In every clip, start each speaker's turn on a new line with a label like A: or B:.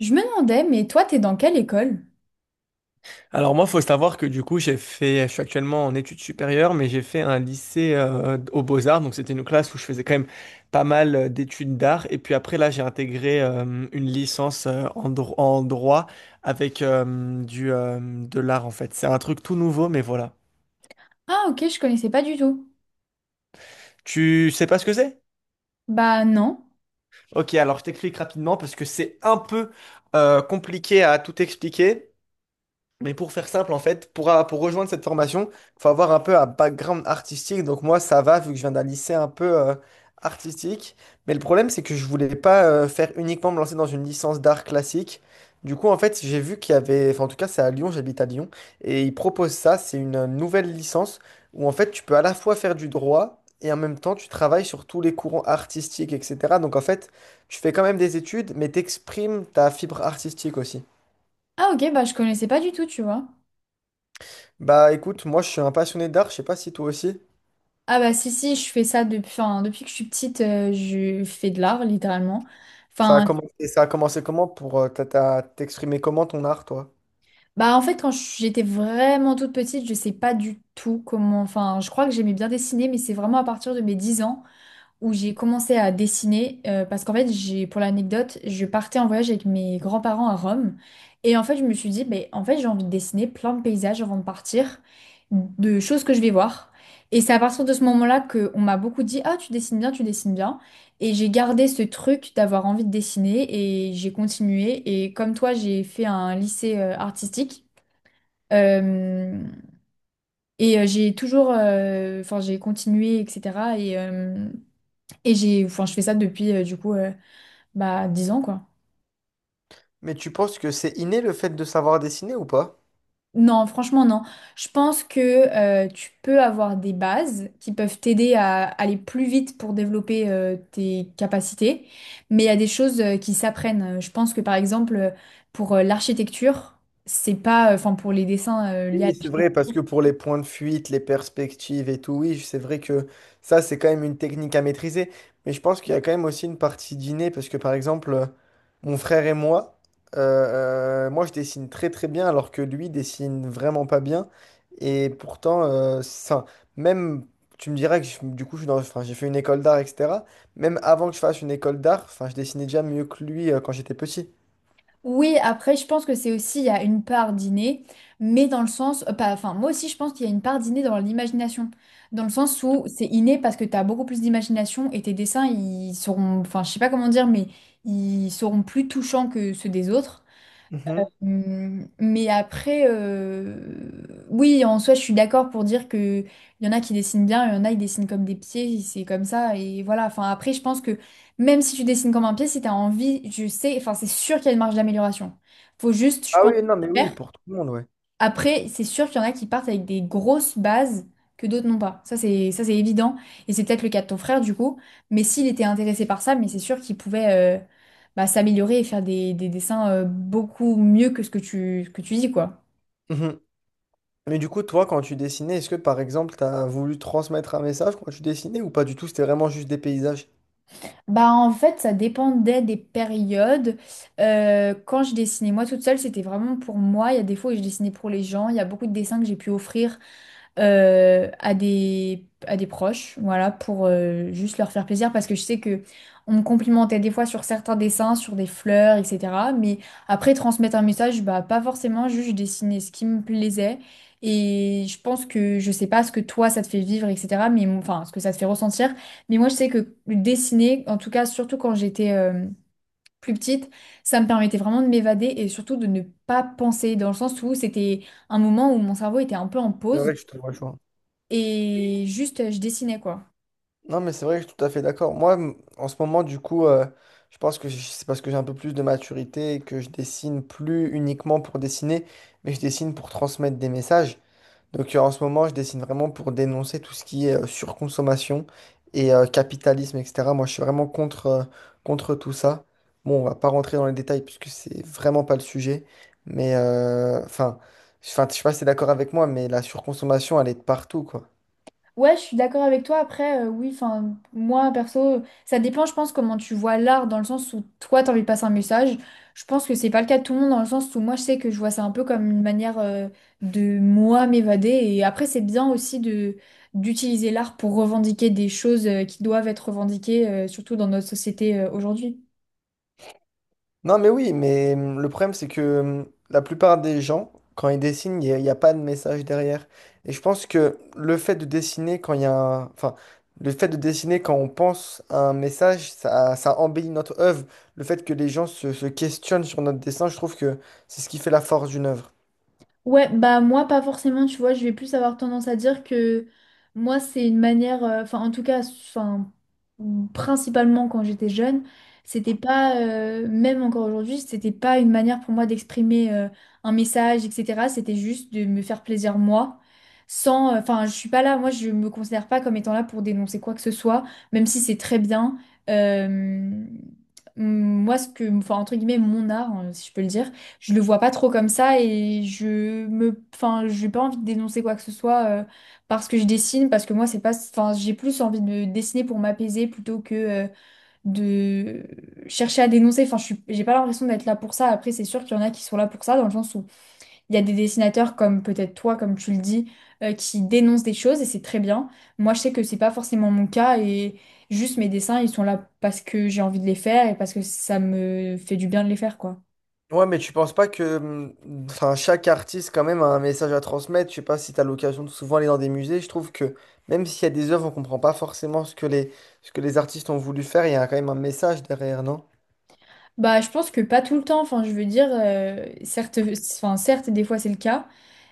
A: Je me demandais, mais toi, t'es dans quelle école?
B: Alors moi, faut savoir que du coup, je suis actuellement en études supérieures, mais j'ai fait un lycée aux Beaux-Arts, donc c'était une classe où je faisais quand même pas mal d'études d'art. Et puis après, là, j'ai intégré une licence en, en droit avec du de l'art en fait. C'est un truc tout nouveau, mais voilà.
A: Ah, ok, je connaissais pas du tout.
B: Tu sais pas ce que c'est?
A: Bah non.
B: Ok, alors je t'explique rapidement parce que c'est un peu compliqué à tout expliquer. Mais pour faire simple, en fait, pour rejoindre cette formation, il faut avoir un peu un background artistique. Donc moi, ça va, vu que je viens d'un lycée un peu artistique. Mais le problème, c'est que je voulais pas faire uniquement me lancer dans une licence d'art classique. Du coup, en fait, j'ai vu qu'il y avait, enfin, en tout cas, c'est à Lyon, j'habite à Lyon, et ils proposent ça, c'est une nouvelle licence où, en fait, tu peux à la fois faire du droit et en même temps, tu travailles sur tous les courants artistiques, etc. Donc, en fait, tu fais quand même des études, mais t'exprimes ta fibre artistique aussi.
A: Ah, ok, bah je connaissais pas du tout, tu vois.
B: Bah écoute, moi je suis un passionné d'art, je sais pas si toi aussi.
A: Ah bah si, si, je fais ça depuis, enfin, depuis que je suis petite, je fais de l'art, littéralement.
B: Ça a
A: Enfin,
B: commencé, ça a commencé comment pour t'exprimer comment ton art, toi?
A: bah en fait, quand j'étais vraiment toute petite, je sais pas du tout comment, enfin, je crois que j'aimais bien dessiner, mais c'est vraiment à partir de mes 10 ans, où j'ai commencé à dessiner parce qu'en fait j'ai, pour l'anecdote, je partais en voyage avec mes grands-parents à Rome, et en fait je me suis dit mais en fait j'ai envie de dessiner plein de paysages avant de partir, de choses que je vais voir. Et c'est à partir de ce moment-là que on m'a beaucoup dit ah tu dessines bien, tu dessines bien, et j'ai gardé ce truc d'avoir envie de dessiner, et j'ai continué, et comme toi j'ai fait un lycée artistique. Euh, et j'ai toujours, enfin j'ai continué, etc. Et, euh, et j'ai, enfin, je fais ça depuis du coup, bah, dix ans quoi.
B: Mais tu penses que c'est inné le fait de savoir dessiner ou pas?
A: Non, franchement, non. Je pense que tu peux avoir des bases qui peuvent t'aider à aller plus vite pour développer tes capacités, mais il y a des choses qui s'apprennent. Je pense que par exemple, pour l'architecture, c'est pas, enfin, pour les dessins liés à
B: Oui, c'est vrai, parce
A: l'architecture.
B: que pour les points de fuite, les perspectives et tout, oui, c'est vrai que ça, c'est quand même une technique à maîtriser. Mais je pense qu'il y a quand même aussi une partie dîner, parce que par exemple, mon frère et moi, moi, je dessine très très bien, alors que lui dessine vraiment pas bien. Et pourtant, ça, même, tu me diras que du coup, enfin, j'ai fait une école d'art, etc. Même avant que je fasse une école d'art, enfin, je dessinais déjà mieux que lui, quand j'étais petit.
A: Oui, après, je pense que c'est aussi, il y a une part d'inné, mais dans le sens, pas, enfin, moi aussi, je pense qu'il y a une part d'inné dans l'imagination, dans le sens où c'est inné parce que tu as beaucoup plus d'imagination et tes dessins, ils seront, enfin, je sais pas comment dire, mais ils seront plus touchants que ceux des autres.
B: Mhm.
A: Mais après, oui, en soi, je suis d'accord pour dire que il y en a qui dessinent bien, il y en a qui dessinent comme des pieds, c'est comme ça, et voilà. Enfin, après, je pense que même si tu dessines comme un pied, si tu as envie, je sais, enfin, c'est sûr qu'il y a une marge d'amélioration. Faut juste, je
B: Ah
A: pense,
B: oui, non, mais oui,
A: faire.
B: pour tout le monde, ouais.
A: Après, c'est sûr qu'il y en a qui partent avec des grosses bases que d'autres n'ont pas. Ça, c'est évident. Et c'est peut-être le cas de ton frère, du coup. Mais s'il était intéressé par ça, mais c'est sûr qu'il pouvait, bah, s'améliorer et faire des dessins beaucoup mieux que ce que tu dis, quoi.
B: Mhm. Mais du coup, toi, quand tu dessinais, est-ce que par exemple, tu as voulu transmettre un message quand tu dessinais ou pas du tout? C'était vraiment juste des paysages.
A: Bah en fait, ça dépendait des périodes. Quand je dessinais moi toute seule, c'était vraiment pour moi. Il y a des fois où je dessinais pour les gens. Il y a beaucoup de dessins que j'ai pu offrir à des proches, voilà, pour juste leur faire plaisir. Parce que je sais que on me complimentait des fois sur certains dessins, sur des fleurs, etc. Mais après, transmettre un message, bah pas forcément, juste je dessinais ce qui me plaisait. Et je pense que, je sais pas ce que toi ça te fait vivre, etc. Mais enfin, ce que ça te fait ressentir. Mais moi, je sais que dessiner, en tout cas, surtout quand j'étais, plus petite, ça me permettait vraiment de m'évader et surtout de ne pas penser, dans le sens où c'était un moment où mon cerveau était un peu en
B: C'est
A: pause,
B: vrai que je te vois, je
A: et juste je dessinais, quoi.
B: Non, mais c'est vrai que je suis tout à fait d'accord. Moi, en ce moment, du coup, je pense que c'est parce que j'ai un peu plus de maturité et que je dessine plus uniquement pour dessiner, mais je dessine pour transmettre des messages. Donc en ce moment, je dessine vraiment pour dénoncer tout ce qui est surconsommation et capitalisme, etc. Moi, je suis vraiment contre tout ça. Bon, on va pas rentrer dans les détails puisque c'est vraiment pas le sujet. Mais enfin, je sais pas si t'es d'accord avec moi, mais la surconsommation, elle est de partout, quoi.
A: Ouais, je suis d'accord avec toi. Après, oui, enfin, moi, perso, ça dépend, je pense, comment tu vois l'art, dans le sens où toi, t'as envie de passer un message. Je pense que c'est pas le cas de tout le monde, dans le sens où moi, je sais que je vois ça un peu comme une manière de moi m'évader. Et après, c'est bien aussi de d'utiliser l'art pour revendiquer des choses qui doivent être revendiquées, surtout dans notre société aujourd'hui.
B: Non, mais oui, mais le problème, c'est que la plupart des gens, quand ils dessinent, il n'y a pas de message derrière. Et je pense que le fait de dessiner quand il y a un... Enfin, le fait de dessiner quand on pense à un message, ça embellit notre œuvre. Le fait que les gens se questionnent sur notre dessin, je trouve que c'est ce qui fait la force d'une œuvre.
A: Ouais, bah moi pas forcément, tu vois, je vais plus avoir tendance à dire que moi c'est une manière, enfin en tout cas, enfin principalement quand j'étais jeune, c'était pas, même encore aujourd'hui, c'était pas une manière pour moi d'exprimer un message, etc. C'était juste de me faire plaisir moi, sans, enfin je suis pas là, moi je me considère pas comme étant là pour dénoncer quoi que ce soit, même si c'est très bien. Euh, moi ce que, enfin entre guillemets mon art, hein, si je peux le dire, je le vois pas trop comme ça, et je me enfin j'ai pas envie de dénoncer quoi que ce soit, parce que je dessine, parce que moi c'est pas, enfin j'ai plus envie de dessiner pour m'apaiser plutôt que de chercher à dénoncer, enfin je suis j'ai pas l'impression d'être là pour ça. Après c'est sûr qu'il y en a qui sont là pour ça, dans le sens où il y a des dessinateurs comme peut-être toi, comme tu le dis, qui dénoncent des choses, et c'est très bien. Moi je sais que c'est pas forcément mon cas, et juste mes dessins ils sont là parce que j'ai envie de les faire, et parce que ça me fait du bien de les faire, quoi.
B: Ouais, mais tu penses pas que enfin, chaque artiste, quand même, a un message à transmettre. Je sais pas si tu as l'occasion de souvent aller dans des musées. Je trouve que même s'il y a des œuvres, on comprend pas forcément ce que les artistes ont voulu faire. Il y a quand même un message derrière, non?
A: Bah, je pense que pas tout le temps. Enfin, je veux dire, certes, enfin, certes, des fois c'est le cas,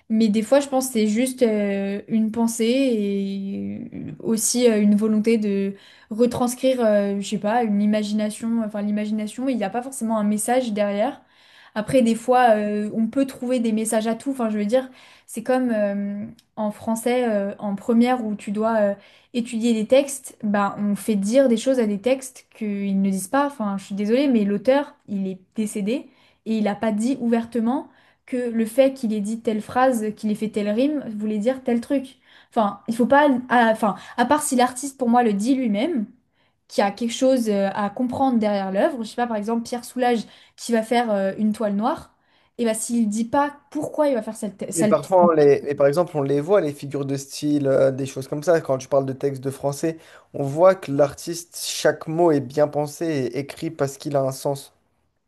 A: mais des fois, je pense que c'est juste une pensée, et aussi une volonté de retranscrire, je sais pas, une imagination, enfin l'imagination, il n'y a pas forcément un message derrière. Après, des fois, on peut trouver des messages à tout. Enfin, je veux dire, c'est comme en français, en première, où tu dois étudier des textes, ben, on fait dire des choses à des textes qu'ils ne disent pas. Enfin, je suis désolée, mais l'auteur, il est décédé, et il n'a pas dit ouvertement que le fait qu'il ait dit telle phrase, qu'il ait fait telle rime, voulait dire tel truc. Enfin, il faut pas... Enfin, à part si l'artiste, pour moi, le dit lui-même, qu'il y a quelque chose à comprendre derrière l'œuvre. Je sais pas, par exemple, Pierre Soulages qui va faire une toile noire, et ben s'il dit pas pourquoi il va faire cette...
B: Mais
A: cette-
B: parfois, mais par exemple, on les voit, les figures de style, des choses comme ça. Quand tu parles de textes de français, on voit que l'artiste, chaque mot est bien pensé et écrit parce qu'il a un sens.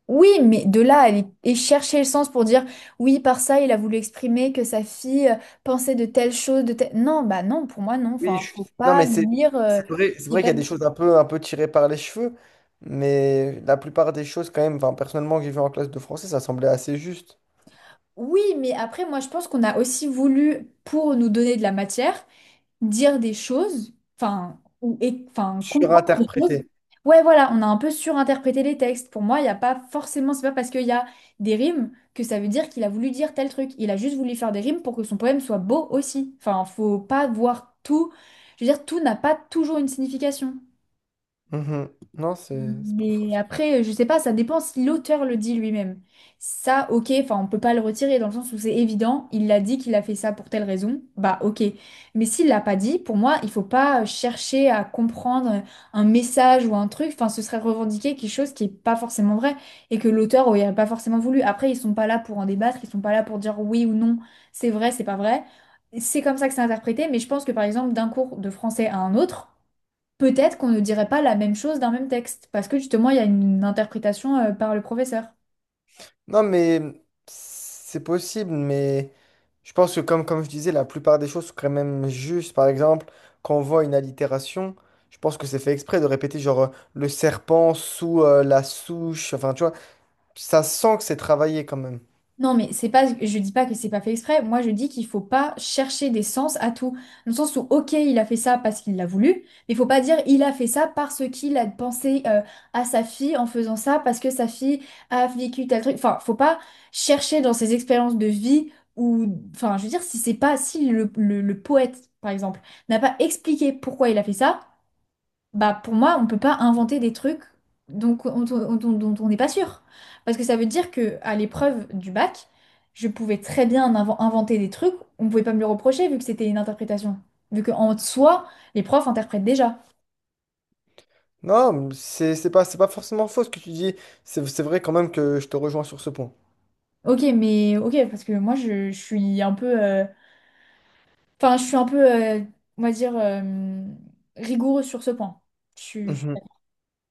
A: Oui, mais de là, à aller et chercher le sens pour dire, oui, par ça, il a voulu exprimer que sa fille, pensait de telle chose, de telle... Non, bah non, pour moi, non. Enfin, faut
B: Non,
A: pas
B: mais c'est
A: lire...
B: c'est vrai, c'est
A: je sais
B: vrai qu'il y
A: pas.
B: a des choses un peu tirées par les cheveux, mais la plupart des choses, quand même, enfin, personnellement, que j'ai vu en classe de français, ça semblait assez juste.
A: Oui, mais après, moi, je pense qu'on a aussi voulu, pour nous donner de la matière, dire des choses, enfin, ou, et, enfin, comprendre des choses.
B: Surinterprété.
A: Ouais, voilà, on a un peu surinterprété les textes. Pour moi, il n'y a pas forcément, c'est pas parce qu'il y a des rimes que ça veut dire qu'il a voulu dire tel truc. Il a juste voulu faire des rimes pour que son poème soit beau aussi. Enfin, faut pas voir tout. Je veux dire, tout n'a pas toujours une signification.
B: Mhm. Non, c'est pas faux.
A: Mais après, je sais pas, ça dépend si l'auteur le dit lui-même. Ça, ok, enfin, on peut pas le retirer dans le sens où c'est évident, il l'a dit qu'il a fait ça pour telle raison, bah ok. Mais s'il l'a pas dit, pour moi, il faut pas chercher à comprendre un message ou un truc, enfin, ce serait revendiquer quelque chose qui est pas forcément vrai et que l'auteur aurait pas forcément voulu. Après, ils sont pas là pour en débattre, ils sont pas là pour dire oui ou non, c'est vrai, c'est pas vrai. C'est comme ça que c'est interprété, mais je pense que par exemple, d'un cours de français à un autre, peut-être qu'on ne dirait pas la même chose d'un même texte, parce que justement, il y a une interprétation par le professeur.
B: Non, mais c'est possible, mais je pense que, comme je disais, la plupart des choses sont quand même justes. Par exemple, quand on voit une allitération, je pense que c'est fait exprès de répéter, le serpent sous la souche, enfin, tu vois, ça sent que c'est travaillé quand même.
A: Non, mais c'est pas, je dis pas que c'est pas fait exprès. Moi, je dis qu'il faut pas chercher des sens à tout. Dans le sens où, ok, il a fait ça parce qu'il l'a voulu, mais il faut pas dire il a fait ça parce qu'il a pensé, à sa fille en faisant ça parce que sa fille a vécu tel truc. Enfin, faut pas chercher dans ses expériences de vie, ou, enfin, je veux dire, si c'est pas, si le poète, par exemple, n'a pas expliqué pourquoi il a fait ça. Bah pour moi, on peut pas inventer des trucs donc, dont on n'est pas sûr. Parce que ça veut dire que à l'épreuve du bac, je pouvais très bien inventer des trucs, on pouvait pas me le reprocher vu que c'était une interprétation. Vu qu'en soi, les profs interprètent déjà.
B: Non, c'est pas forcément faux ce que tu dis. C'est vrai quand même que je te rejoins sur ce point.
A: Ok, mais ok, parce que moi je suis un peu. Enfin, je suis un peu, on va dire, rigoureuse sur ce point.
B: Mhm.